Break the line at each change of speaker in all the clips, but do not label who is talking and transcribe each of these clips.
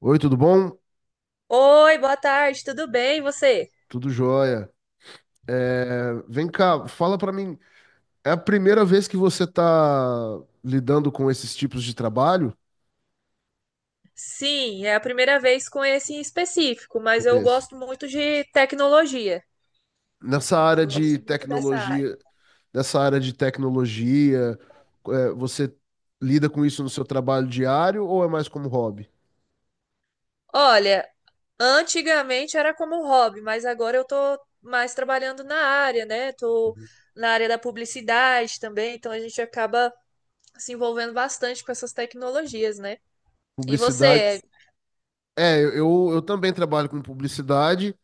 Oi, tudo bom?
Oi, boa tarde, tudo bem? E você?
Tudo jóia. É, vem cá, fala pra mim, é a primeira vez que você tá lidando com esses tipos de trabalho?
Sim, é a primeira vez com esse em específico,
Com
mas eu
esse?
gosto muito de tecnologia.
Nessa área de
Gosto muito dessa área.
tecnologia, nessa área de tecnologia, é, você lida com isso no seu trabalho diário ou é mais como hobby?
Olha, antigamente era como hobby, mas agora eu tô mais trabalhando na área, né? Tô
Uhum.
na área da publicidade também, então a gente acaba se envolvendo bastante com essas tecnologias, né? E
Publicidade.
você?
É, eu também trabalho com publicidade,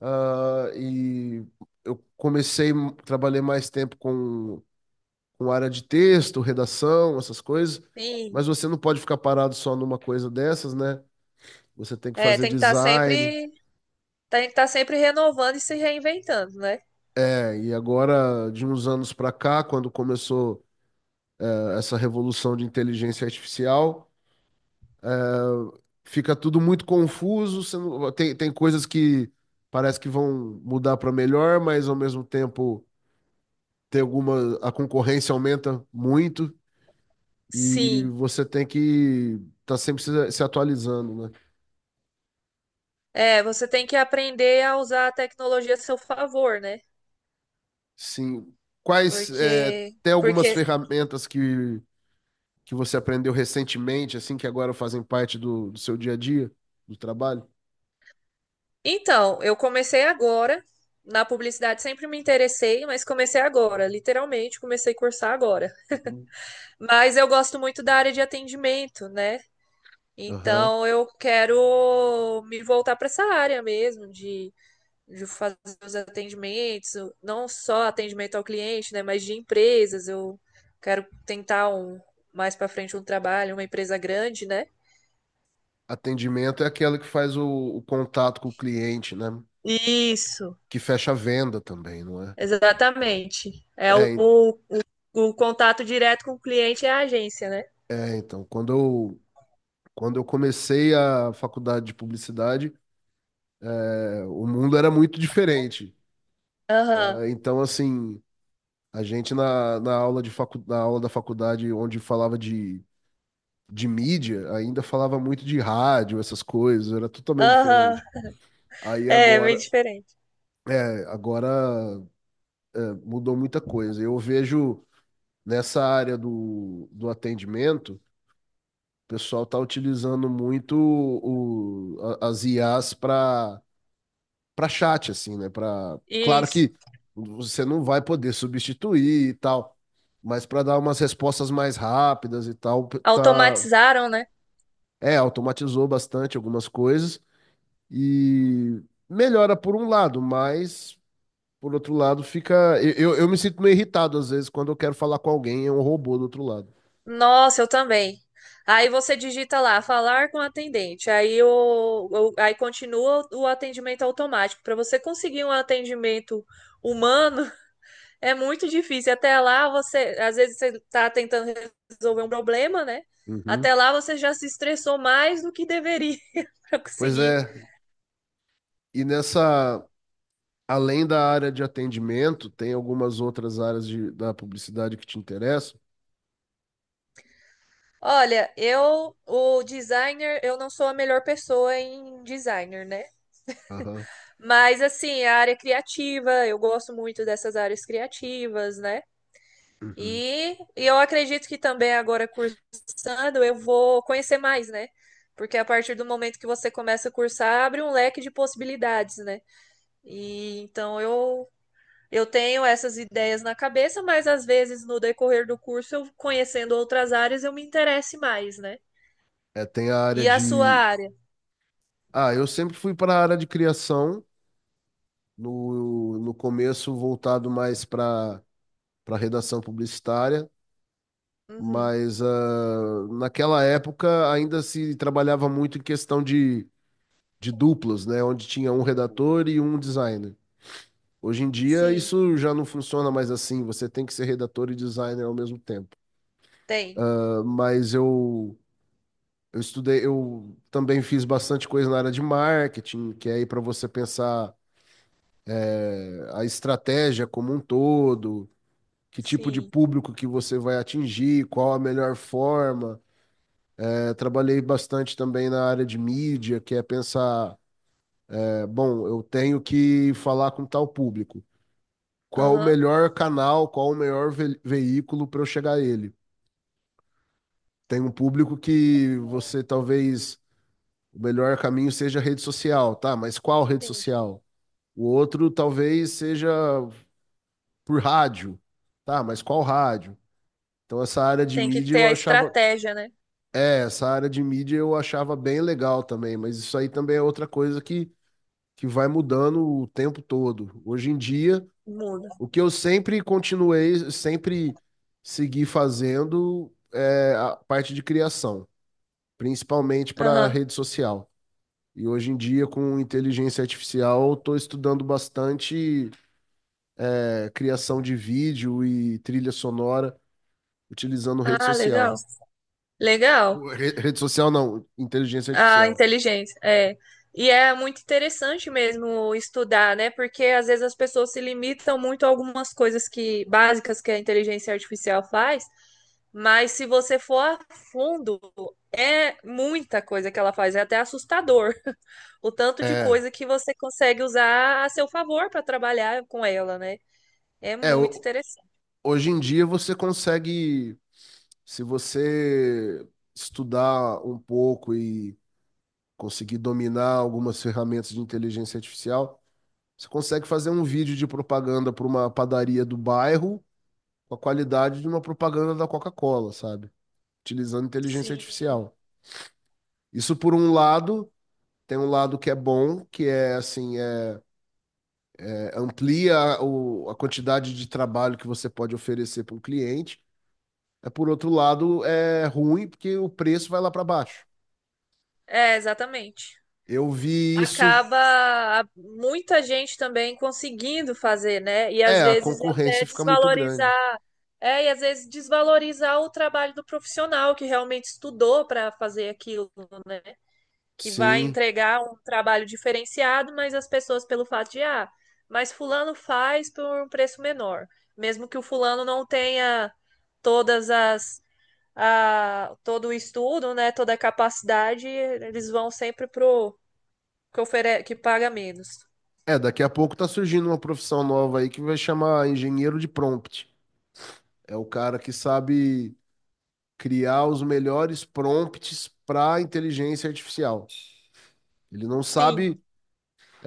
ah, e eu comecei, trabalhei mais tempo com área de texto, redação, essas coisas,
Sim,
mas você não pode ficar parado só numa coisa dessas, né? Você tem que
é,
fazer design.
tem que estar sempre renovando e se reinventando, né?
É, e agora, de uns anos para cá, quando começou essa revolução de inteligência artificial, fica tudo muito confuso. Você não- tem, tem coisas que parece que vão mudar para melhor, mas ao mesmo tempo a concorrência aumenta muito e
Sim.
você tem que estar sempre se atualizando, né?
É, você tem que aprender a usar a tecnologia a seu favor, né?
Sim. É,
Porque,
tem algumas
porque,
ferramentas que você aprendeu recentemente, assim, que agora fazem parte do seu dia a dia, do trabalho?
então, eu comecei agora na publicidade, sempre me interessei, mas comecei agora, literalmente, comecei a cursar agora.
Uhum.
Mas eu gosto muito da área de atendimento, né?
Aham.
Então, eu quero me voltar para essa área mesmo de fazer os atendimentos, não só atendimento ao cliente, né, mas de empresas. Eu quero tentar um mais para frente um trabalho, uma empresa grande, né?
Atendimento é aquela que faz o contato com o cliente, né?
Isso,
Que fecha a venda também, não é?
exatamente. É
É,
o contato direto com o cliente é a agência, né?
então, quando eu comecei a faculdade de publicidade, é, o mundo era muito diferente.
Aham,
É, então, assim, a gente na aula da faculdade, onde falava de mídia ainda falava muito de rádio, essas coisas, era totalmente
aham.
diferente. Aí
É, é bem
agora,
diferente.
é, agora mudou muita coisa. Eu vejo nessa área do atendimento, o pessoal está utilizando muito as IAs para chat, assim, né? Para, claro
Isso.
que você não vai poder substituir e tal, mas para dar umas respostas mais rápidas e tal, tá,
Automatizaram, né?
é, automatizou bastante algumas coisas. E melhora por um lado, mas por outro lado fica. Eu me sinto meio irritado às vezes quando eu quero falar com alguém e é um robô do outro lado.
Nossa, eu também. Aí você digita lá, falar com o atendente. Aí, aí continua o atendimento automático. Para você conseguir um atendimento humano, é muito difícil. Até lá você, às vezes você tá tentando resolver um problema, né?
Uhum.
Até lá você já se estressou mais do que deveria para
Pois
conseguir.
é, e nessa. Além da área de atendimento, tem algumas outras áreas da publicidade que te interessam?
Olha, eu, o designer, eu não sou a melhor pessoa em designer, né?
Aham.
Mas assim, a área criativa, eu gosto muito dessas áreas criativas, né?
Uhum.
E eu acredito que também agora cursando eu vou conhecer mais, né? Porque a partir do momento que você começa a cursar, abre um leque de possibilidades, né? E então eu tenho essas ideias na cabeça, mas às vezes no decorrer do curso, eu conhecendo outras áreas, eu me interesse mais, né?
É, tem a área
E a sua
de.
área?
Ah, eu sempre fui para a área de criação, no começo voltado mais para redação publicitária.
Uhum.
Mas ah, naquela época ainda se trabalhava muito em questão de duplos, né? Onde tinha um redator e um designer. Hoje em dia
Sim,
isso já não funciona mais assim, você tem que ser redator e designer ao mesmo tempo.
tem.
Ah, mas eu estudei, eu também fiz bastante coisa na área de marketing, que é aí para você pensar a estratégia como um todo, que tipo de
Sim.
público que você vai atingir, qual a melhor forma. Eu trabalhei bastante também na área de mídia, que é pensar, é, bom, eu tenho que falar com tal público. Qual o
Aham.
melhor canal, qual o melhor veículo para eu chegar a ele? Tem um público que você talvez o melhor caminho seja rede social, tá? Mas qual rede
Sim.
social? O outro talvez seja por rádio, tá? Mas qual rádio? Então
Tem que ter a estratégia, né?
essa área de mídia eu achava bem legal também, mas isso aí também é outra coisa que vai mudando o tempo todo. Hoje em dia,
Muda.
o que eu sempre segui fazendo é a parte de criação, principalmente para
Aham.
rede social. E hoje em dia, com inteligência artificial, estou estudando bastante é, criação de vídeo e trilha sonora utilizando rede
Ah, legal.
social.
Legal.
Rede social não, inteligência
A
artificial.
inteligência, é. E é muito interessante mesmo estudar, né? Porque às vezes as pessoas se limitam muito a algumas coisas que básicas que a inteligência artificial faz, mas se você for a fundo, é muita coisa que ela faz, é até assustador o tanto de
É,
coisa que você consegue usar a seu favor para trabalhar com ela, né? É
é,
muito
o
interessante.
hoje em dia você consegue, se você estudar um pouco e conseguir dominar algumas ferramentas de inteligência artificial, você consegue fazer um vídeo de propaganda para uma padaria do bairro com a qualidade de uma propaganda da Coca-Cola, sabe? Utilizando inteligência
Sim.
artificial. Isso por um lado, tem um lado que é bom, que é assim, é, amplia a quantidade de trabalho que você pode oferecer para um cliente. É, por outro lado, é ruim porque o preço vai lá para baixo.
É, exatamente.
Eu vi isso.
Acaba muita gente também conseguindo fazer, né? E às
É, a
vezes até
concorrência fica muito grande.
desvalorizar, é, e às vezes desvalorizar o trabalho do profissional que realmente estudou para fazer aquilo, né? Que vai
Sim.
entregar um trabalho diferenciado, mas as pessoas pelo fato de, ah, mas fulano faz por um preço menor, mesmo que o fulano não tenha todas as a, todo o estudo, né, toda a capacidade, eles vão sempre pro que ofere... que paga menos.
É, daqui a pouco tá surgindo uma profissão nova aí que vai chamar engenheiro de prompt. É o cara que sabe criar os melhores prompts para inteligência artificial. Ele não
Sim.
sabe.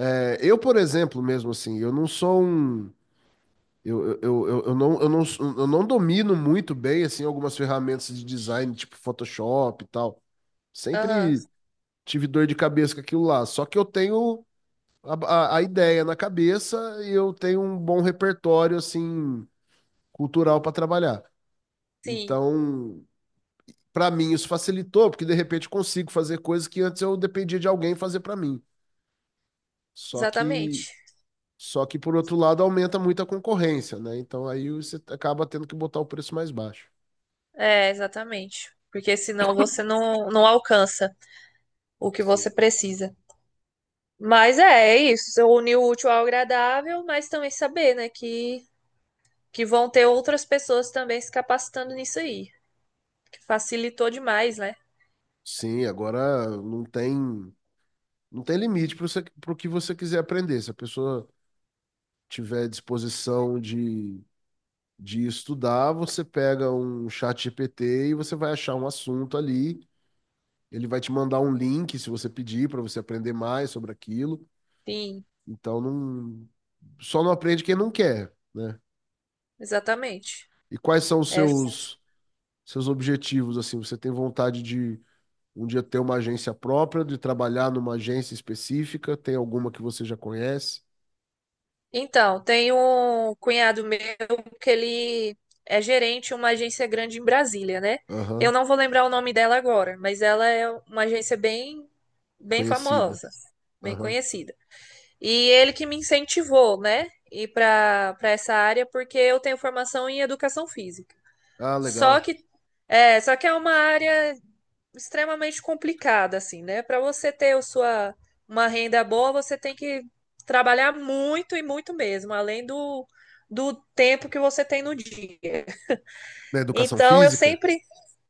É, eu, por exemplo, mesmo assim, eu não sou um. Eu, eu, eu, eu- eu não, eu, não, eu não domino muito bem assim algumas ferramentas de design, tipo Photoshop e tal.
Aham,
Sempre tive dor de cabeça com aquilo lá. Só que eu tenho a, a ideia na cabeça e eu tenho um bom repertório, assim, cultural para trabalhar.
sim,
Então, para mim, isso facilitou, porque de repente eu consigo fazer coisas que antes eu dependia de alguém fazer para mim. Só que.
exatamente.
Só que, por outro lado, aumenta muito a concorrência, né? Então aí você acaba tendo que botar o preço mais baixo.
É, exatamente. Porque senão você não, não alcança o que você
Sim.
precisa. Mas é, é isso. Você unir o útil ao agradável, mas também saber, né, que vão ter outras pessoas também se capacitando nisso aí. Que facilitou demais, né?
Sim, agora não tem limite para o que você quiser aprender. Se a pessoa tiver disposição de estudar, você pega um chat GPT e você vai achar um assunto ali. Ele vai te mandar um link se você pedir para você aprender mais sobre aquilo.
Sim,
Então não, só não aprende quem não quer, né?
exatamente.
E quais são os
É,
seus objetivos assim? Você tem vontade de um dia ter uma agência própria, de trabalhar numa agência específica? Tem alguma que você já conhece?
então, tem um cunhado meu que ele é gerente de uma agência grande em Brasília, né? Eu
Aham,
não vou lembrar o nome dela agora, mas ela é uma agência bem, bem
conhecida.
famosa, bem
Aham.
conhecida. E ele que me incentivou, né? Ir para essa área porque eu tenho formação em educação física.
Ah,
Só
legal.
que só que é uma área extremamente complicada, assim, né? Para você ter a sua, uma renda boa, você tem que trabalhar muito e muito mesmo, além do, do tempo que você tem no dia.
Na educação
Então, eu
física?
sempre.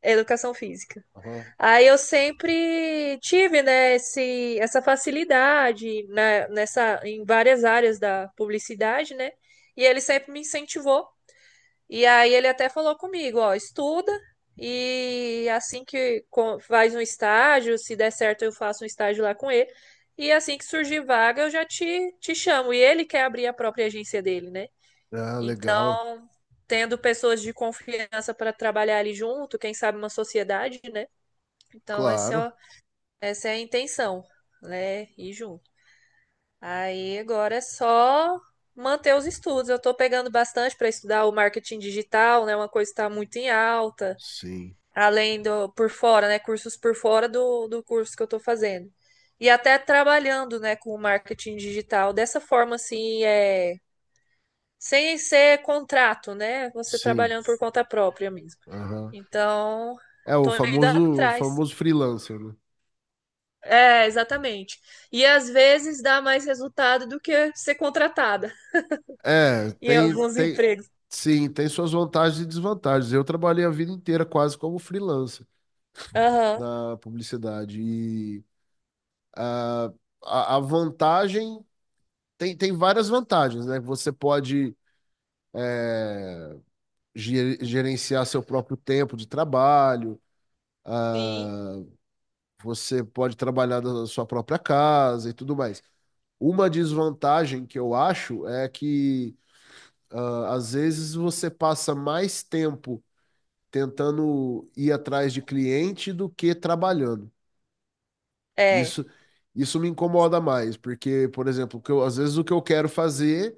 Educação física.
Aham.
Aí eu sempre tive, né, esse, essa facilidade né, nessa, em várias áreas da publicidade, né? E ele sempre me incentivou e aí ele até falou comigo, ó, estuda e assim que co- faz um estágio, se der certo eu faço um estágio lá com ele. E assim que surgir vaga eu já te, te chamo. E ele quer abrir a própria agência dele, né?
Ah, legal.
Então, tendo pessoas de confiança para trabalhar ali junto, quem sabe uma sociedade, né? Então,
Claro.
essa é a intenção, né? Ir junto. Aí agora é só manter os estudos. Eu estou pegando bastante para estudar o marketing digital, né? Uma coisa que está muito em alta,
Sim.
além do por fora, né? Cursos por fora do curso que eu estou fazendo. E até trabalhando, né, com o marketing digital dessa forma assim, é, sem ser contrato, né? Você
Sim,
trabalhando por conta própria mesmo.
aham.
Então,
É o
estou indo
famoso, o
atrás.
famoso freelancer, né?
É, exatamente. E às vezes dá mais resultado do que ser contratada
É,
em alguns empregos.
sim, tem suas vantagens e desvantagens. Eu trabalhei a vida inteira quase como freelancer
Aham.
na publicidade e a vantagem tem várias vantagens, né? Você pode gerenciar seu próprio tempo de trabalho, ah,
Sim.
você pode trabalhar da sua própria casa e tudo mais. Uma desvantagem que eu acho é que ah, às vezes você passa mais tempo tentando ir atrás de cliente do que trabalhando.
É,
Isso, isso me incomoda mais, porque, por exemplo, às vezes o que eu quero fazer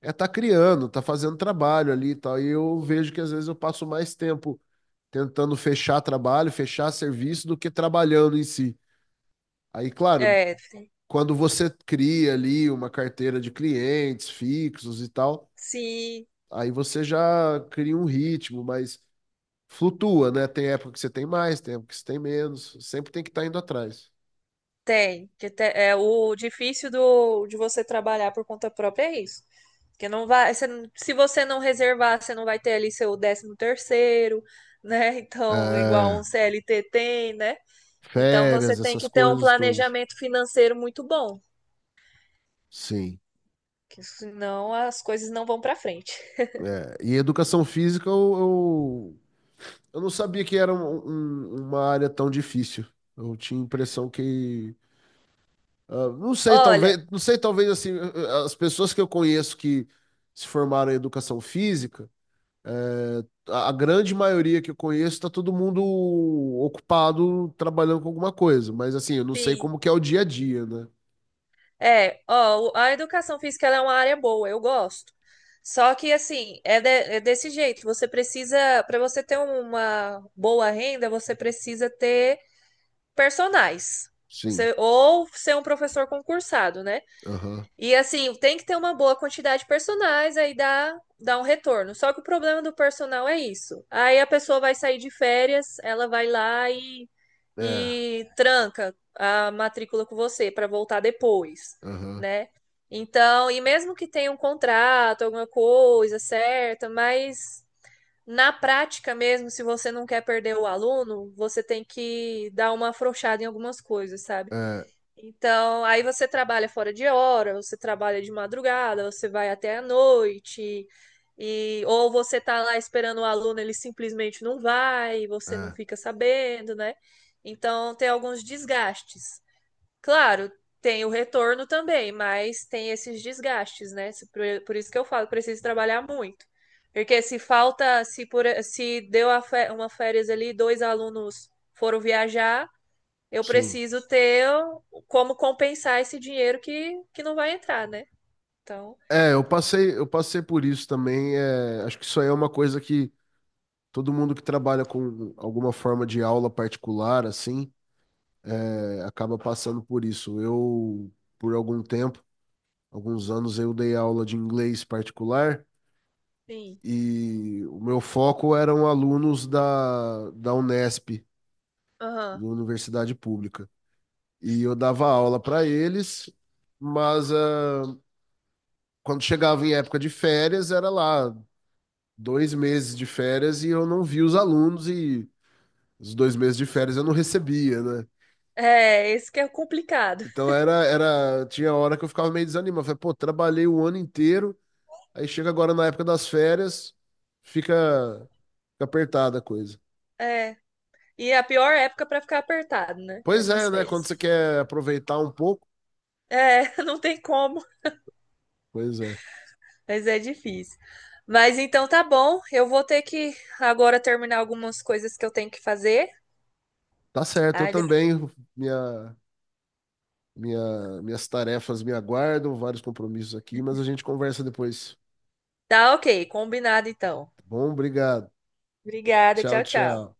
é estar criando, tá fazendo trabalho ali e tal, e eu vejo que às vezes eu passo mais tempo tentando fechar trabalho, fechar serviço do que trabalhando em si. Aí, claro,
é, tem-
quando você cria ali uma carteira de clientes fixos e tal,
sim,
aí você já cria um ritmo, mas flutua, né? Tem época que você tem mais, tem época que você tem menos. Sempre tem que estar indo atrás.
tem. Que te- é o difícil de você trabalhar por conta própria é isso. Porque não vai, você não- se você não reservar, você não vai ter ali seu décimo terceiro, né? Então, igual um
É,
CLT tem, né? Então você
férias,
tem
essas
que ter um
coisas todas.
planejamento financeiro muito bom,
Sim.
que senão as coisas não vão para frente.
É, e educação física, eu não sabia que era uma área tão difícil. Eu tinha a impressão que. Ah,
Olha,
não sei, talvez assim, as pessoas que eu conheço que se formaram em educação física. É, a grande maioria que eu conheço está todo mundo ocupado trabalhando com alguma coisa, mas assim, eu não sei
sim,
como que é o dia a dia, né?
é, ó, o- a educação física ela é uma área boa, eu gosto. Só que assim, é, de- é desse jeito, você precisa, para você ter uma boa renda, você precisa ter personais.
Sim.
Você ou ser um professor concursado, né?
Aham.
E assim, tem que ter uma boa quantidade de personais, aí dá um retorno. Só que o problema do personal é isso. Aí a pessoa vai sair de férias, ela vai lá
É.
e tranca a matrícula com você para voltar depois,
Aham.
né? Então, e mesmo que tenha um contrato, alguma coisa certa, mas na prática mesmo, se você não quer perder o aluno, você tem que dar uma afrouxada em algumas coisas, sabe?
É.
Então, aí você trabalha fora de hora, você trabalha de madrugada, você vai até a noite, e ou você tá lá esperando o aluno, ele simplesmente não vai, você não
É.
fica sabendo, né? Então, tem alguns desgastes. Claro, tem o retorno também, mas tem esses desgastes, né? Se- Por isso que eu falo, preciso trabalhar muito. Porque se falta, se, por, se deu a fé- uma férias ali, dois alunos foram viajar eu
Sim.
preciso ter como compensar esse dinheiro que não vai entrar, né? Então,
É, eu passei por isso também. É, acho que isso aí é uma coisa que todo mundo que trabalha com alguma forma de aula particular, assim, é, acaba passando por isso. Eu, por algum tempo, alguns anos, eu dei aula de inglês particular.
sim.
E o meu foco eram alunos da Unesp, da
Aham.
Universidade Pública. E eu dava aula para eles, mas quando chegava em época de férias, era lá 2 meses de férias e eu não via os alunos e os 2 meses de férias eu não recebia, né?
É, esse que é complicado.
Então tinha hora que eu ficava meio desanimado. Falei, pô, trabalhei o ano inteiro, aí chega agora na época das férias, fica, fica apertada a coisa.
É. E é a pior época para ficar apertado, né? É
Pois
nas
é, né?
férias.
Quando você quer aproveitar um pouco,
É, não tem como,
pois é.
mas é difícil. Mas então tá bom, eu vou ter que agora terminar algumas coisas que eu tenho que fazer.
Tá certo, eu
Ai, de-
também, minha, minhas tarefas me aguardam, vários compromissos aqui, mas a gente conversa depois.
Tá ok, combinado então.
Tá bom? Obrigado.
Obrigada,
Tchau,
tchau, tchau.
tchau.